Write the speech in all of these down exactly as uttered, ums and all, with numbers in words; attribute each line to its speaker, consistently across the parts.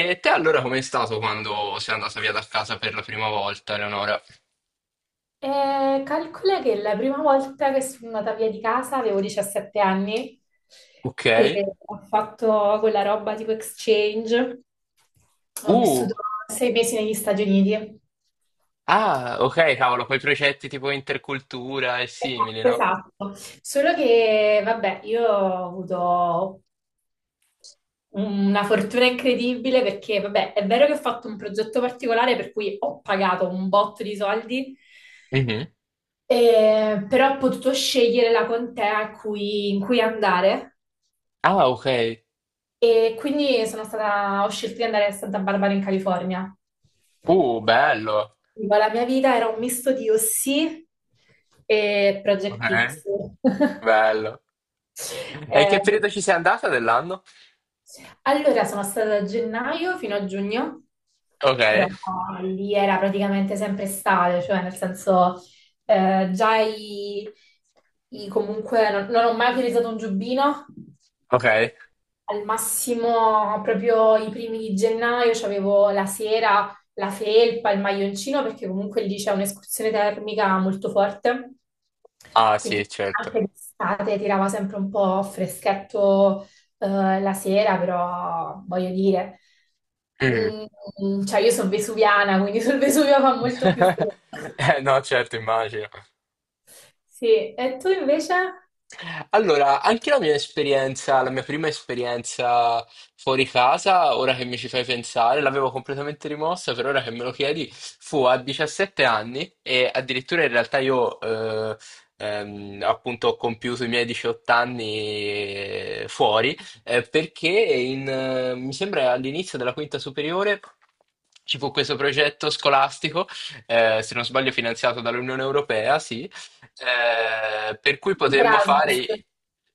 Speaker 1: E te allora com'è stato quando sei andata via da casa per la prima volta, Eleonora?
Speaker 2: Eh, calcola che la prima volta che sono andata via di casa avevo diciassette anni
Speaker 1: Ok.
Speaker 2: e ho fatto quella roba tipo exchange. Ho vissuto
Speaker 1: Uh,
Speaker 2: sei mesi negli Stati Uniti.
Speaker 1: ah, ok, cavolo, quei progetti tipo intercultura e simili,
Speaker 2: Esatto,
Speaker 1: no?
Speaker 2: esatto. Solo che, vabbè, io ho avuto una fortuna incredibile perché, vabbè, è vero che ho fatto un progetto particolare per cui ho pagato un botto di soldi,
Speaker 1: Mhm.
Speaker 2: eh, però ho potuto scegliere la contea a cui- in cui andare.
Speaker 1: Ah, ok.
Speaker 2: E quindi sono stata, ho scelto di andare a Santa Barbara in California.
Speaker 1: Uh, bello.
Speaker 2: Dico, la mia vita era un misto di O C e Project
Speaker 1: Ok,
Speaker 2: X.
Speaker 1: bello. E in che
Speaker 2: Eh,
Speaker 1: periodo ci sei andata dell'anno?
Speaker 2: allora, sono stata da gennaio fino a giugno,
Speaker 1: Ok,
Speaker 2: però lì era praticamente sempre estate, cioè nel senso eh, già i, i- comunque non, non ho mai utilizzato un giubbino.
Speaker 1: ok.
Speaker 2: Al massimo, proprio i primi di gennaio, c'avevo la sera la felpa, il maglioncino, perché comunque lì c'è un'escursione termica molto forte.
Speaker 1: Ah, sì,
Speaker 2: Quindi
Speaker 1: certo.
Speaker 2: anche d'estate tirava sempre un po' freschetto, eh, la sera, però voglio dire,
Speaker 1: Mm.
Speaker 2: mm, cioè io sono vesuviana, quindi sul Vesuvio fa molto più freddo.
Speaker 1: Eh, no, certo, immagino.
Speaker 2: Sì, e tu invece?
Speaker 1: Allora, anche la mia esperienza, la mia prima esperienza fuori casa, ora che mi ci fai pensare, l'avevo completamente rimossa, per ora che me lo chiedi, fu a diciassette anni e addirittura in realtà io eh, ehm, appunto ho compiuto i miei diciotto anni eh, fuori, eh, perché in, eh, mi sembra all'inizio della quinta superiore ci fu questo progetto scolastico, eh, se non sbaglio finanziato dall'Unione Europea, sì eh, per cui potremmo
Speaker 2: Erasmus.
Speaker 1: fare.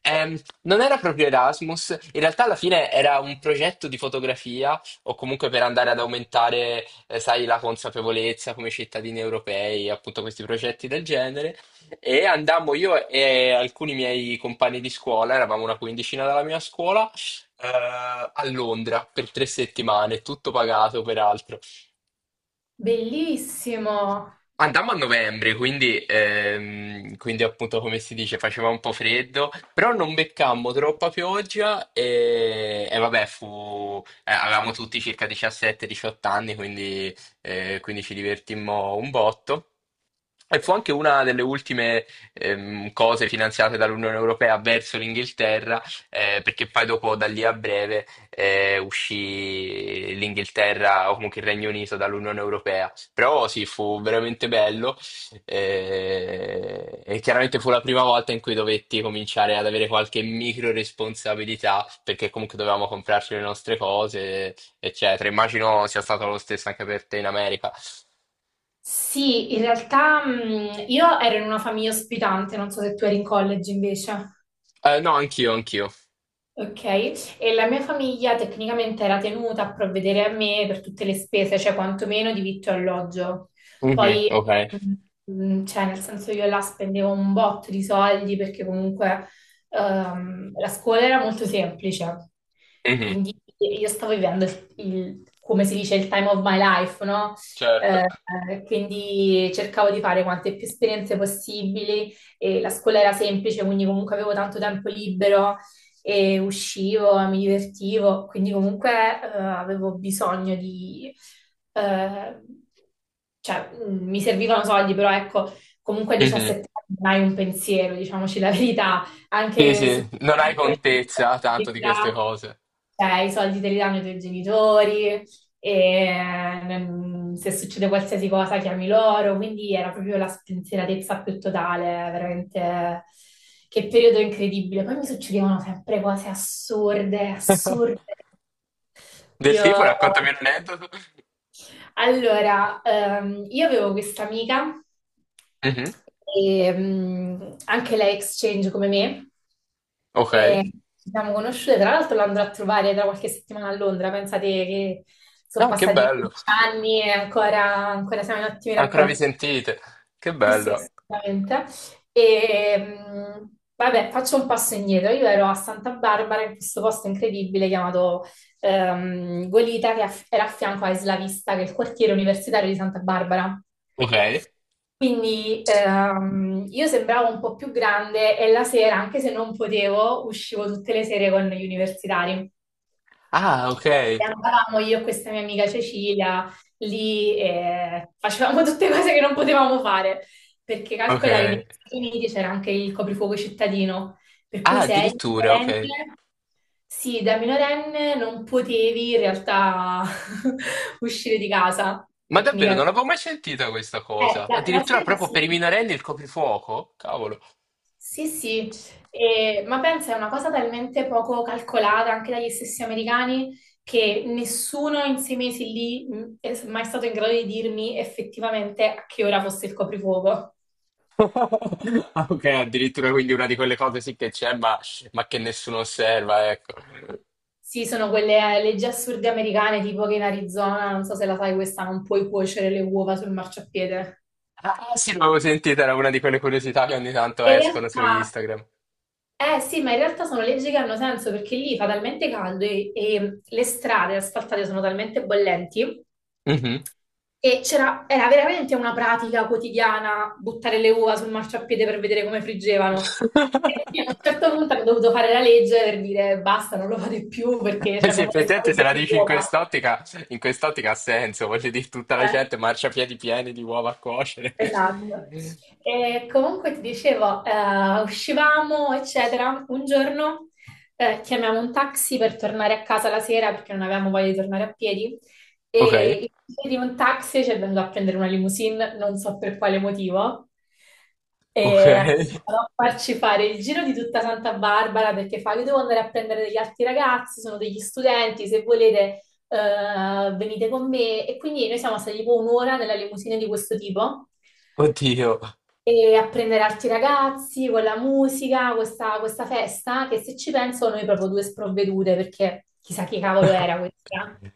Speaker 1: ehm, Non era proprio Erasmus, in realtà alla fine era un progetto di fotografia o comunque per andare ad aumentare, eh, sai, la consapevolezza come cittadini europei, appunto questi progetti del genere. E andammo io e alcuni miei compagni di scuola, eravamo una quindicina dalla mia scuola, eh, a Londra per tre settimane, tutto pagato peraltro.
Speaker 2: Bellissimo.
Speaker 1: Andammo a novembre, quindi, ehm, quindi appunto come si dice faceva un po' freddo, però non beccammo troppa pioggia e, e vabbè, fu, eh, avevamo tutti circa diciassette diciotto anni, quindi, eh, quindi ci divertimmo un botto. E fu anche una delle ultime ehm, cose finanziate dall'Unione Europea verso l'Inghilterra, eh, perché poi dopo da lì a breve eh, uscì l'Inghilterra o comunque il Regno Unito dall'Unione Europea. Però sì, fu veramente bello eh, e chiaramente fu la prima volta in cui dovetti cominciare ad avere qualche micro responsabilità, perché comunque dovevamo comprarci le nostre cose, eccetera. Immagino sia stato lo stesso anche per te in America.
Speaker 2: Sì, in realtà mh, io ero in una famiglia ospitante, non so se tu eri in college invece.
Speaker 1: Eh, no, anch'io, anch'io.
Speaker 2: Ok, e la mia famiglia tecnicamente era tenuta a provvedere a me per tutte le spese, cioè quantomeno di vitto e alloggio.
Speaker 1: Mhm,
Speaker 2: Poi,
Speaker 1: ok.
Speaker 2: mm, mm, cioè, nel senso io là spendevo un botto di soldi perché comunque ehm, la scuola era molto semplice,
Speaker 1: Mhm.
Speaker 2: quindi io stavo vivendo il, il- come si dice, il time of my life, no?
Speaker 1: Certo.
Speaker 2: Eh, quindi cercavo di fare quante più esperienze possibili e la scuola era semplice, quindi comunque avevo tanto tempo libero e uscivo, mi divertivo, quindi comunque eh, avevo bisogno di... eh, cioè, mm, mi servivano soldi, però ecco, comunque a
Speaker 1: Mhm.
Speaker 2: diciassette anni non hai un pensiero, diciamoci la verità,
Speaker 1: Sì,
Speaker 2: anche su
Speaker 1: sì,
Speaker 2: quelle
Speaker 1: non hai
Speaker 2: piccole
Speaker 1: contezza tanto di queste
Speaker 2: responsabilità.
Speaker 1: cose.
Speaker 2: Cioè, i soldi te li danno i tuoi genitori, e ehm, se succede qualsiasi cosa chiami loro, quindi era proprio la spensieratezza più totale, veramente che periodo incredibile. Poi mi succedevano sempre cose assurde, assurde.
Speaker 1: Del
Speaker 2: Io...
Speaker 1: tipo, raccontami un aneddoto.
Speaker 2: Allora, ehm, io avevo questa amica,
Speaker 1: Mhm.
Speaker 2: e, mm, anche lei exchange come me.
Speaker 1: Ok.
Speaker 2: E ci siamo conosciute, tra l'altro l'andrò a trovare tra qualche settimana a Londra, pensate che sono
Speaker 1: Ah, che
Speaker 2: passati
Speaker 1: bello.
Speaker 2: quindici anni e ancora, ancora siamo in ottimi
Speaker 1: Ancora vi
Speaker 2: rapporti.
Speaker 1: sentite? Che
Speaker 2: Sì, sì,
Speaker 1: bello.
Speaker 2: assolutamente. E, mh, vabbè, faccio un passo indietro. Io ero a Santa Barbara, in questo posto incredibile chiamato ehm, Goleta, che aff- era a fianco a Isla Vista, che è il quartiere universitario di Santa Barbara.
Speaker 1: Ok.
Speaker 2: Quindi ehm, io sembravo un po' più grande e la sera, anche se non potevo, uscivo tutte le sere con gli universitari.
Speaker 1: Ah, ok.
Speaker 2: E andavamo io e questa mia amica Cecilia lì e facevamo tutte cose che non potevamo fare, perché
Speaker 1: Ok.
Speaker 2: calcola che negli Stati Uniti c'era anche il coprifuoco cittadino, per
Speaker 1: Ah,
Speaker 2: cui se eri
Speaker 1: addirittura, ok.
Speaker 2: minorenne, sì, da minorenne non potevi in realtà uscire di casa,
Speaker 1: Ma davvero,
Speaker 2: tecnicamente.
Speaker 1: non avevo mai sentita questa
Speaker 2: Eh,
Speaker 1: cosa.
Speaker 2: la, la
Speaker 1: Addirittura
Speaker 2: sera
Speaker 1: proprio
Speaker 2: sì.
Speaker 1: per i minorenni il coprifuoco? Cavolo.
Speaker 2: Sì, sì, E- ma pensa, è una cosa talmente poco calcolata anche dagli stessi americani che nessuno in sei mesi lì mh, è mai stato in grado di dirmi effettivamente a che ora fosse il coprifuoco.
Speaker 1: Ah, ok, addirittura quindi una di quelle cose sì che c'è, ma, ma che nessuno osserva, ecco.
Speaker 2: Sì, sono quelle eh, leggi assurde americane, tipo che in Arizona, non so se la sai questa, non puoi cuocere le uova sul marciapiede.
Speaker 1: Ah, ah, sì, l'avevo sentita, era una di quelle curiosità che ogni tanto
Speaker 2: In
Speaker 1: escono su
Speaker 2: realtà,
Speaker 1: Instagram.
Speaker 2: eh sì, ma in realtà sono leggi che hanno senso perché lì fa talmente caldo e, e le strade asfaltate sono talmente bollenti.
Speaker 1: Mhm.
Speaker 2: E c'era, era veramente una pratica quotidiana buttare le uova sul marciapiede per vedere come friggevano. E quindi a un certo punto hanno dovuto fare la legge per dire basta, non lo fate più perché
Speaker 1: Eh
Speaker 2: c'è
Speaker 1: sì,
Speaker 2: come le fate
Speaker 1: effettivamente se la
Speaker 2: le
Speaker 1: dici in
Speaker 2: uova.
Speaker 1: quest'ottica, in quest'ottica ha senso, voglio dire, tutta la
Speaker 2: Eh.
Speaker 1: gente marciapiedi pieni di uova a cuocere.
Speaker 2: Esatto. E comunque ti dicevo, eh, uscivamo, eccetera. Un giorno eh, chiamiamo un taxi per tornare a casa la sera perché non avevamo voglia di tornare a piedi.
Speaker 1: Ok,
Speaker 2: E invece di un taxi ci è venuto a prendere una limousine, non so per quale motivo.
Speaker 1: ok.
Speaker 2: E ha cominciato a farci fare il giro di tutta Santa Barbara perché fa: io devo andare a prendere degli altri ragazzi, sono degli studenti, se volete eh, venite con me. E quindi noi siamo stati tipo un'ora nella limousine di questo tipo
Speaker 1: Oddio.
Speaker 2: e apprendere altri ragazzi con la musica, questa, questa festa, che se ci penso noi proprio due sprovvedute, perché chissà chi cavolo era questa.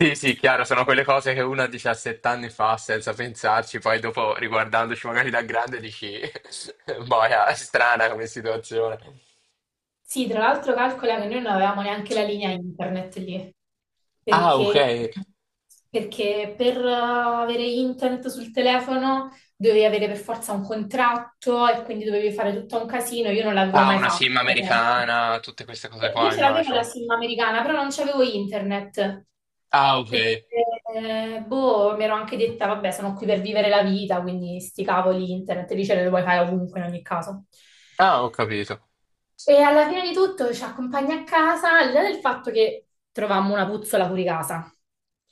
Speaker 1: Sì, sì, chiaro, sono quelle cose che uno a diciassette anni fa senza pensarci, poi dopo riguardandoci magari da grande dici, boia, è strana come situazione.
Speaker 2: Sì, tra l'altro calcola che noi non avevamo neanche la linea internet lì.
Speaker 1: Ah, ok.
Speaker 2: perché, perché per eh, avere internet sul telefono dovevi avere per forza un contratto e quindi dovevi fare tutto un casino. Io non l'avevo
Speaker 1: Ah,
Speaker 2: mai
Speaker 1: una
Speaker 2: fatto.
Speaker 1: sim
Speaker 2: Per esempio.
Speaker 1: americana, tutte queste cose
Speaker 2: Eh, Io
Speaker 1: qua,
Speaker 2: ce l'avevo la
Speaker 1: immagino.
Speaker 2: SIM americana, però non c'avevo internet.
Speaker 1: Ah, ok.
Speaker 2: Perché, eh, boh, mi ero anche detta, vabbè, sono qui per vivere la vita, quindi sti cavoli internet, lì ce le puoi fare ovunque in ogni caso.
Speaker 1: Ah, ho capito.
Speaker 2: E alla fine di tutto ci accompagna a casa, al di là del fatto che trovammo una puzzola fuori casa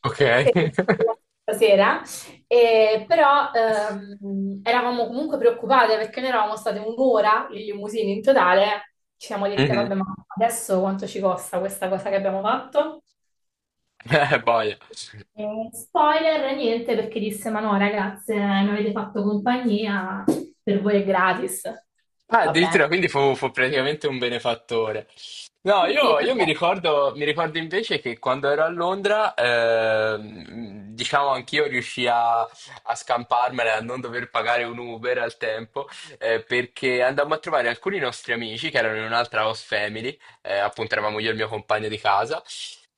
Speaker 1: Ok.
Speaker 2: che stasera, eh, però ehm, eravamo comunque preoccupate perché noi eravamo state un'ora in limousine in totale, ci siamo dette,
Speaker 1: Mhm.
Speaker 2: vabbè, ma adesso quanto ci costa questa cosa che abbiamo fatto?
Speaker 1: Eh, boia.
Speaker 2: Eh, spoiler, niente, perché disse, ma no, ragazze, mi avete fatto compagnia, per voi è gratis.
Speaker 1: Ah,
Speaker 2: Va bene.
Speaker 1: addirittura, quindi fu, fu praticamente un benefattore. No,
Speaker 2: Sì, sì,
Speaker 1: io, io mi
Speaker 2: perché
Speaker 1: ricordo, mi ricordo invece che quando ero a Londra, ehm, diciamo anch'io riuscii a, a scamparmela, a non dover pagare un Uber al tempo, eh, perché andammo a trovare alcuni nostri amici che erano in un'altra house family, eh, appunto eravamo io e il mio compagno di casa,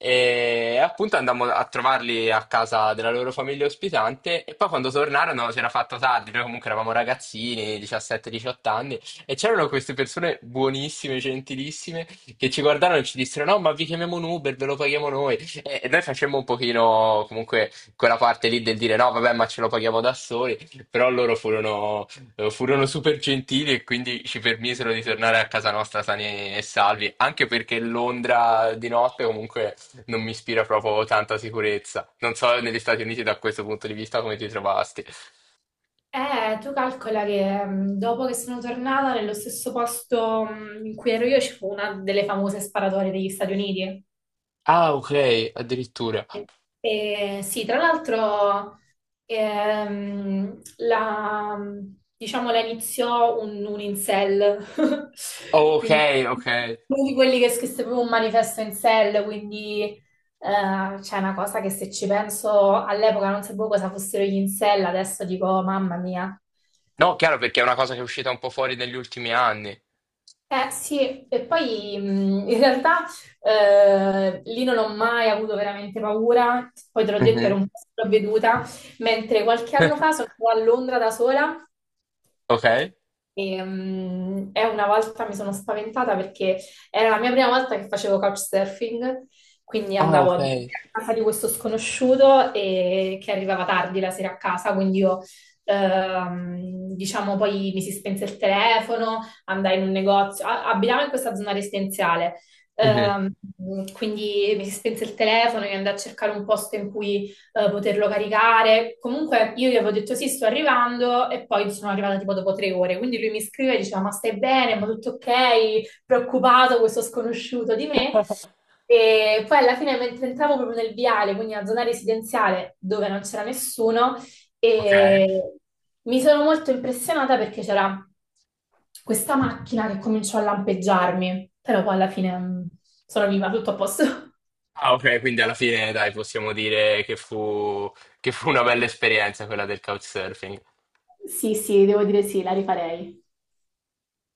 Speaker 1: e appunto andammo a trovarli a casa della loro famiglia ospitante e poi quando tornarono si era fatto tardi, noi comunque eravamo ragazzini, diciassette diciotto anni, e c'erano queste persone buonissime, gentilissime, che ci guardarono e ci dissero no, ma vi chiamiamo un Uber, ve lo paghiamo noi. E, e noi facemmo un pochino comunque quella parte lì del dire no, vabbè, ma ce lo paghiamo da soli, però loro furono, eh, furono super gentili e quindi ci permisero di tornare a casa nostra sani e salvi, anche perché Londra di notte comunque non mi ispira proprio tanta sicurezza. Non so negli Stati Uniti da questo punto di vista come ti trovasti.
Speaker 2: Eh, tu calcola che mh, dopo che sono tornata nello stesso posto mh, in cui ero io, ci fu una delle famose sparatorie degli Stati Uniti.
Speaker 1: Ah, ok, addirittura.
Speaker 2: E sì, tra l'altro ehm, la, diciamo, la iniziò un, un incel,
Speaker 1: Oh, ok,
Speaker 2: quindi
Speaker 1: ok.
Speaker 2: uno di quelli che scrisse proprio un manifesto incel, quindi eh, c'è una cosa che se ci penso all'epoca non sapevo cosa fossero gli incel, adesso dico mamma mia.
Speaker 1: No, chiaro perché è una cosa che è uscita un po' fuori negli ultimi anni.
Speaker 2: Eh sì, e poi mh, in realtà eh, lì non ho mai avuto veramente paura, poi te l'ho detto ero
Speaker 1: Mhm.
Speaker 2: un po' sprovveduta, mentre qualche anno fa sono stata a Londra da sola
Speaker 1: Ok.
Speaker 2: e, mm, e una volta mi sono spaventata perché era la mia prima volta che facevo couchsurfing, quindi
Speaker 1: Ah,
Speaker 2: andavo
Speaker 1: ok.
Speaker 2: a casa di questo sconosciuto e che arrivava tardi la sera a casa, quindi io, ehm, diciamo, poi mi si spense il telefono, andai in un negozio, a- abitavo in questa zona residenziale,
Speaker 1: Mhm.
Speaker 2: ehm, quindi mi si spense il telefono e andai a cercare un posto in cui eh, poterlo caricare. Comunque io gli avevo detto sì, sto arrivando e poi sono arrivata tipo dopo tre ore. Quindi lui mi scriveva e diceva ma stai bene, ma tutto ok, preoccupato questo sconosciuto di me. E poi alla fine mentre entravo proprio nel viale, quindi una zona residenziale dove non c'era nessuno,
Speaker 1: Ok.
Speaker 2: e mi sono molto impressionata perché c'era questa macchina che cominciò a lampeggiarmi, però poi alla fine mm, sono viva, tutto a posto.
Speaker 1: Ah, ok, quindi alla fine, dai, possiamo dire che fu, che fu una bella esperienza quella del couchsurfing.
Speaker 2: Sì, sì, devo dire sì, la rifarei.